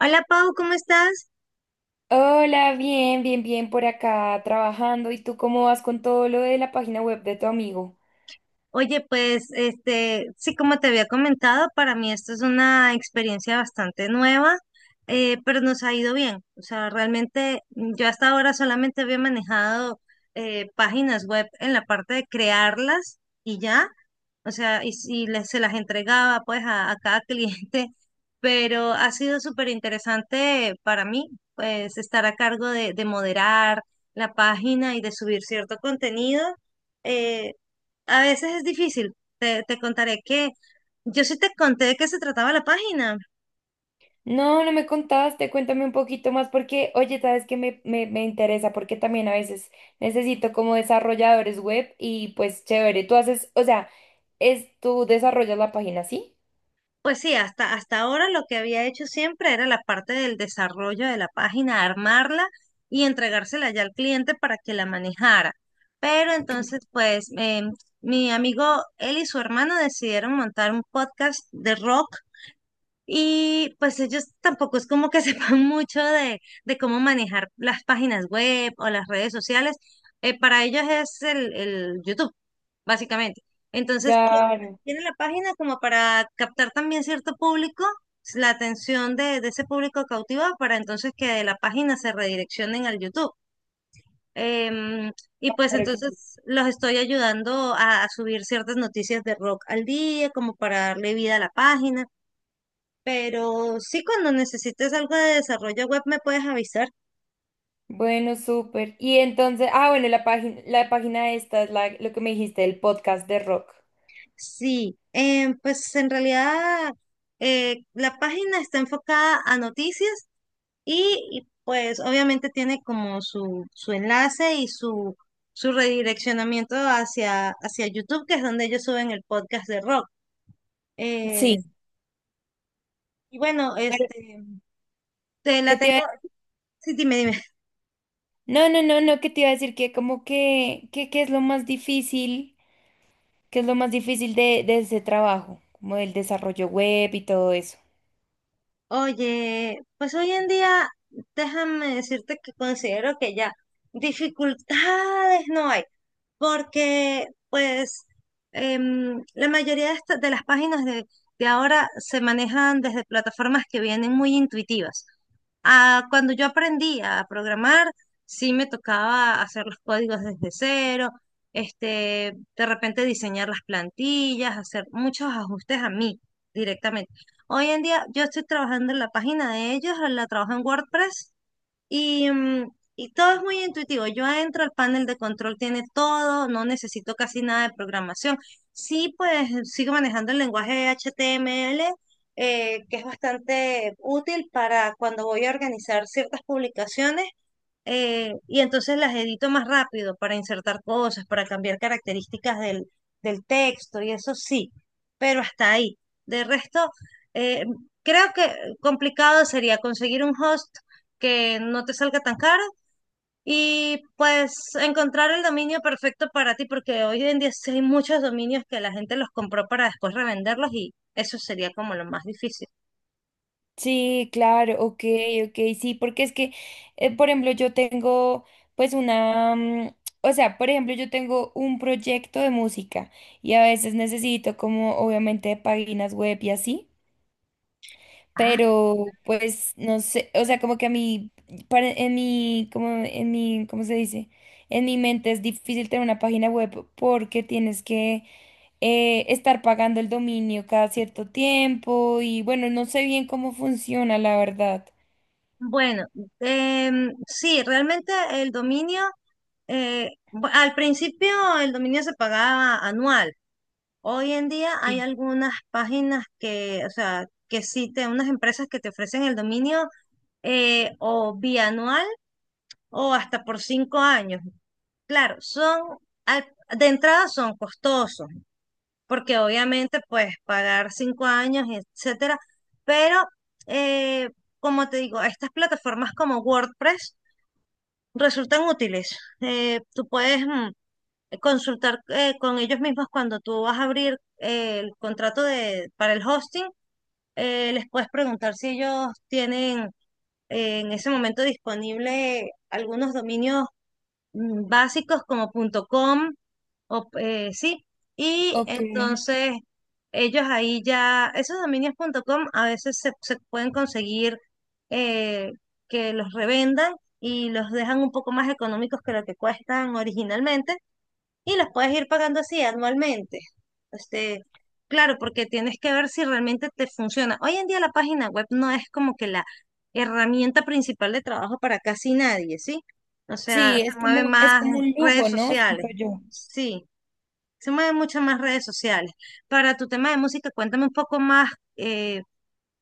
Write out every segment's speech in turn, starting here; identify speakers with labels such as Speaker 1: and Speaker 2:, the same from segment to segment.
Speaker 1: Hola Pau, ¿cómo estás?
Speaker 2: Hola, bien, bien, bien por acá trabajando. ¿Y tú cómo vas con todo lo de la página web de tu amigo?
Speaker 1: Oye, pues sí, como te había comentado, para mí esto es una experiencia bastante nueva, pero nos ha ido bien. O sea, realmente yo hasta ahora solamente había manejado páginas web en la parte de crearlas y ya, o sea, y si les, se las entregaba pues a cada cliente, pero ha sido súper interesante para mí, pues estar a cargo de moderar la página y de subir cierto contenido. Eh, a veces es difícil, te contaré que yo sí te conté de qué se trataba la página.
Speaker 2: No, no me contaste, cuéntame un poquito más porque, oye, sabes que me interesa porque también a veces necesito como desarrolladores web y pues chévere, tú haces, o sea, es tú desarrollas la página, ¿sí?
Speaker 1: Pues sí, hasta ahora lo que había hecho siempre era la parte del desarrollo de la página, armarla y entregársela ya al cliente para que la manejara. Pero entonces, pues, mi amigo él y su hermano decidieron montar un podcast de rock y pues ellos tampoco es como que sepan mucho de cómo manejar las páginas web o las redes sociales. Para ellos es el YouTube, básicamente. Entonces,
Speaker 2: Claro,
Speaker 1: tienen la página como para captar también cierto público, la atención de ese público cautiva, para entonces que de la página se redireccionen al YouTube. Em, y pues
Speaker 2: claro, claro.
Speaker 1: entonces los estoy ayudando a subir ciertas noticias de rock al día, como para darle vida a la página, pero sí, cuando necesites algo de desarrollo web me puedes avisar.
Speaker 2: Bueno, súper. Y entonces, ah, bueno, la página esta es la, lo que me dijiste, el podcast de rock.
Speaker 1: Sí, pues en realidad la página está enfocada a noticias y pues obviamente tiene como su enlace y su redireccionamiento hacia YouTube, que es donde ellos suben el podcast de rock. Eh,
Speaker 2: Sí.
Speaker 1: y bueno,
Speaker 2: Bueno,
Speaker 1: te
Speaker 2: ¿qué
Speaker 1: la
Speaker 2: te iba
Speaker 1: tengo.
Speaker 2: a
Speaker 1: Sí, dime, dime.
Speaker 2: No, no, no, no, que te iba a decir que como que, que es lo más difícil, que es lo más difícil de ese trabajo, como el desarrollo web y todo eso.
Speaker 1: Oye, pues hoy en día, déjame decirte que considero que ya dificultades no hay, porque pues la mayoría de las páginas de ahora se manejan desde plataformas que vienen muy intuitivas. Ah, cuando yo aprendí a programar, sí me tocaba hacer los códigos desde cero, este, de repente diseñar las plantillas, hacer muchos ajustes a mí directamente. Hoy en día yo estoy trabajando en la página de ellos, la trabajo en WordPress y, y todo es muy intuitivo. Yo entro, el panel de control tiene todo, no necesito casi nada de programación. Sí, pues sigo manejando el lenguaje HTML, que es bastante útil para cuando voy a organizar ciertas publicaciones, y entonces las edito más rápido para insertar cosas, para cambiar características del texto y eso sí, pero hasta ahí. De resto, eh, creo que complicado sería conseguir un host que no te salga tan caro y pues encontrar el dominio perfecto para ti, porque hoy en día sí hay muchos dominios que la gente los compró para después revenderlos y eso sería como lo más difícil.
Speaker 2: Sí, claro, ok, ok, sí, porque es que, por ejemplo, yo tengo pues una, o sea, por ejemplo, yo tengo un proyecto de música y a veces necesito como obviamente páginas web y así.
Speaker 1: Ah,
Speaker 2: Pero pues no sé, o sea, como que a mí, para- en mi, como en mi, ¿cómo se dice? En mi mente es difícil tener una página web porque tienes que estar pagando el dominio cada cierto tiempo y bueno, no sé bien cómo funciona, la verdad.
Speaker 1: bueno, sí, realmente el dominio al principio el dominio se pagaba anual. Hoy en día hay algunas páginas que, o sea, unas empresas que te ofrecen el dominio, o bianual o hasta por 5 años. Claro, al- de entrada son costosos, porque obviamente pues pagar 5 años, etcétera, pero eh, como te digo, estas plataformas como WordPress resultan útiles. Tú puedes consultar con ellos mismos cuando tú vas a abrir el contrato para el hosting, les puedes preguntar si ellos tienen en ese momento disponible algunos dominios básicos como punto .com o sí, y
Speaker 2: Ok.
Speaker 1: entonces ellos ahí ya, esos dominios punto .com a veces se pueden conseguir eh, que los revendan y los dejan un poco más económicos que lo que cuestan originalmente y los puedes ir pagando así anualmente. Este, claro, porque tienes que ver si realmente te funciona. Hoy en día la página web no es como que la herramienta principal de trabajo para casi nadie, ¿sí? O sea,
Speaker 2: Sí,
Speaker 1: se mueven
Speaker 2: es
Speaker 1: más
Speaker 2: como un
Speaker 1: redes
Speaker 2: lujo, ¿no?
Speaker 1: sociales,
Speaker 2: Siento yo.
Speaker 1: sí, se mueven muchas más redes sociales. Para tu tema de música, cuéntame un poco más, eh,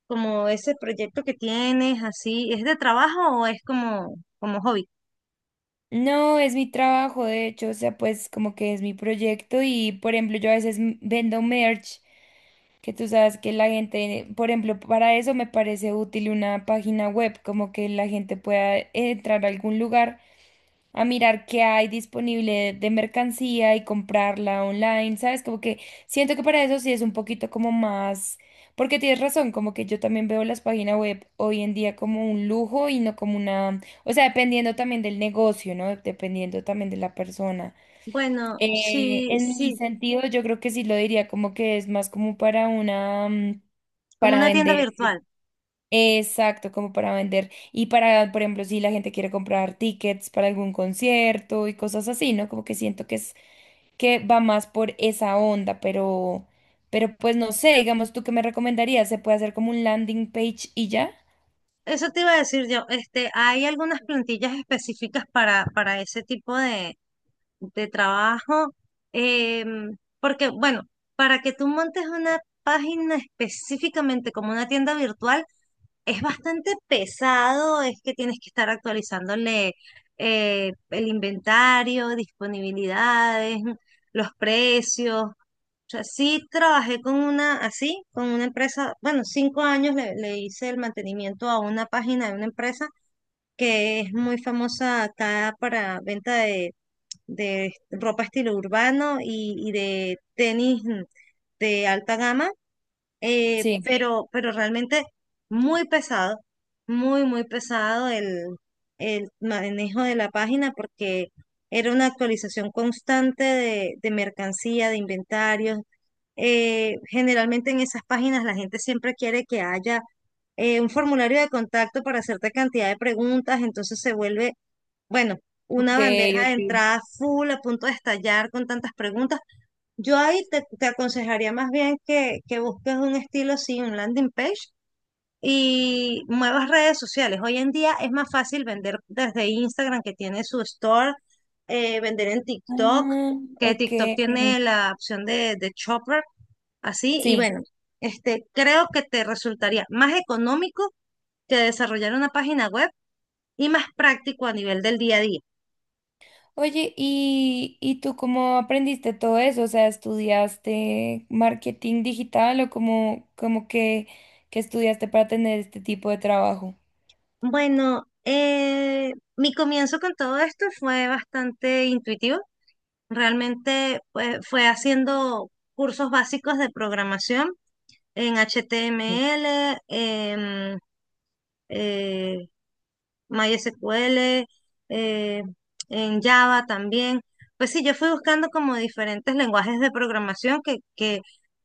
Speaker 1: como ese proyecto que tienes, así, ¿es de trabajo o es como, como hobby?
Speaker 2: No, es mi trabajo, de hecho, o sea, pues como que es mi proyecto y, por ejemplo, yo a veces m- vendo merch que tú sabes que la gente, por ejemplo, para eso me parece útil una página web, como que la gente pueda entrar a algún lugar a mirar qué hay disponible de mercancía y comprarla online, ¿sabes? Como que siento que para eso sí es un poquito como más, porque tienes razón, como que yo también veo las páginas web hoy en día como un lujo y no como una, o sea, dependiendo también del negocio, ¿no? Dependiendo también de la persona.
Speaker 1: Bueno, sí,
Speaker 2: En mi
Speaker 1: sí,
Speaker 2: sentido, yo creo que sí lo diría como que es más como para una,
Speaker 1: como
Speaker 2: para
Speaker 1: una tienda
Speaker 2: vender.
Speaker 1: virtual.
Speaker 2: Exacto, como para vender. Y para, por ejemplo, si la gente quiere comprar tickets para algún concierto y cosas así, ¿no? Como que siento que es, que va más por esa onda, pero pues no sé, digamos, ¿tú qué me recomendarías? ¿Se puede hacer como un landing page y ya?
Speaker 1: Eso te iba a decir yo, este, hay algunas plantillas específicas para ese tipo de trabajo, porque bueno, para que tú montes una página específicamente como una tienda virtual, es bastante pesado, es que tienes que estar actualizándole, el inventario, disponibilidades, los precios, o sea, sí trabajé con una así, con una empresa, bueno, 5 años le hice el mantenimiento a una página de una empresa que es muy famosa acá para venta de ropa estilo urbano y de tenis, de alta gama,
Speaker 2: Sí.
Speaker 1: pero realmente muy pesado, muy pesado el manejo de la página porque era una actualización constante de mercancía, de inventarios, generalmente en esas páginas la gente siempre quiere que haya un formulario de contacto para hacerte cantidad de preguntas, entonces se vuelve, bueno,
Speaker 2: Ok,
Speaker 1: una bandeja de
Speaker 2: ok.
Speaker 1: entrada full a punto de estallar con tantas preguntas. Yo ahí te aconsejaría más bien que busques un estilo así, un landing page y muevas redes sociales. Hoy en día es más fácil vender desde Instagram que tiene su store, vender en TikTok,
Speaker 2: Ah,
Speaker 1: que
Speaker 2: ok.
Speaker 1: TikTok tiene la opción de shopper. Así, y
Speaker 2: Sí.
Speaker 1: bueno, este, creo que te resultaría más económico que desarrollar una página web y más práctico a nivel del día a día.
Speaker 2: Oye, y tú cómo aprendiste todo eso? O sea, ¿estudiaste marketing digital o cómo, cómo que estudiaste para tener este tipo de trabajo?
Speaker 1: Bueno, mi comienzo con todo esto fue bastante intuitivo. Realmente pues, fue haciendo cursos básicos de programación en HTML, eh, MySQL, eh, en Java también. Pues sí, yo fui buscando como diferentes lenguajes de programación que, que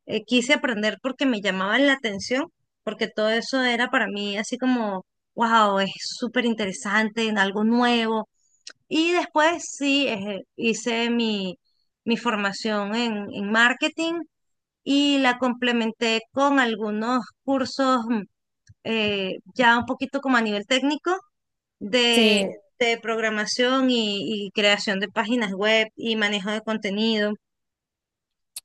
Speaker 1: eh, quise aprender porque me llamaban la atención, porque todo eso era para mí así como, wow, es súper interesante, algo nuevo. Y después sí, hice mi formación en marketing y la complementé con algunos cursos ya un poquito como a nivel técnico de,
Speaker 2: Sí.
Speaker 1: de programación y creación de páginas web y manejo de contenido.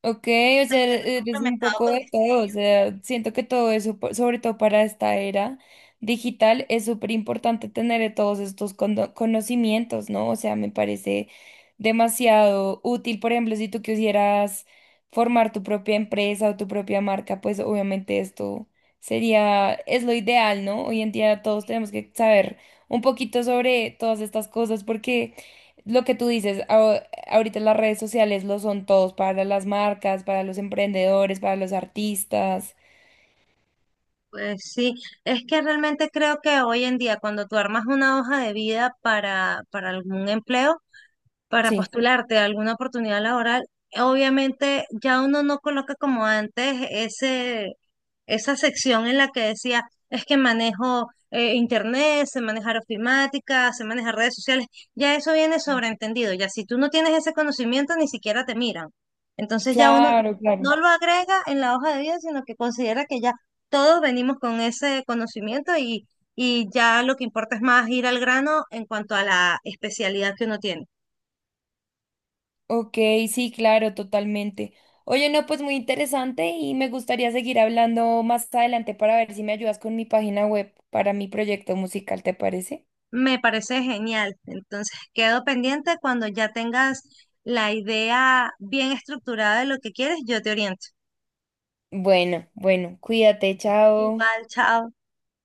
Speaker 2: Ok, o
Speaker 1: Lo
Speaker 2: sea,
Speaker 1: he
Speaker 2: e-, eres un
Speaker 1: complementado
Speaker 2: poco
Speaker 1: con
Speaker 2: de todo, o
Speaker 1: diseño.
Speaker 2: sea, siento que todo eso, po- sobre todo para esta era digital, es súper importante tener todos estos cono- conocimientos, ¿no? O sea, me parece demasiado útil, por ejemplo, si tú quisieras formar tu propia empresa o tu propia marca, pues obviamente esto sería, es lo ideal, ¿no? Hoy en día todos tenemos que saber un poquito sobre todas estas cosas porque lo que tú dices, ahorita las redes sociales lo son todos para las marcas, para los emprendedores, para los artistas.
Speaker 1: Pues sí, es que realmente creo que hoy en día cuando tú armas una hoja de vida para algún empleo, para
Speaker 2: Sí,
Speaker 1: postularte a alguna oportunidad laboral, obviamente ya uno no coloca como antes ese, esa sección en la que decía, es que manejo internet, sé manejar ofimática, sé manejar redes sociales, ya eso viene sobreentendido, ya si tú no tienes ese conocimiento ni siquiera te miran. Entonces ya uno
Speaker 2: claro,
Speaker 1: no
Speaker 2: claro.
Speaker 1: lo agrega en la hoja de vida, sino que considera que ya todos venimos con ese conocimiento y ya lo que importa es más ir al grano en cuanto a la especialidad que uno tiene.
Speaker 2: Ok, sí, claro, totalmente. Oye, no, pues muy interesante y me gustaría seguir hablando más adelante para ver si me ayudas con mi página web para mi proyecto musical, ¿te parece?
Speaker 1: Me parece genial. Entonces, quedo pendiente cuando ya tengas la idea bien estructurada de lo que quieres, yo te oriento.
Speaker 2: Bueno, bueno, cuídate, chao.
Speaker 1: Igual, chao.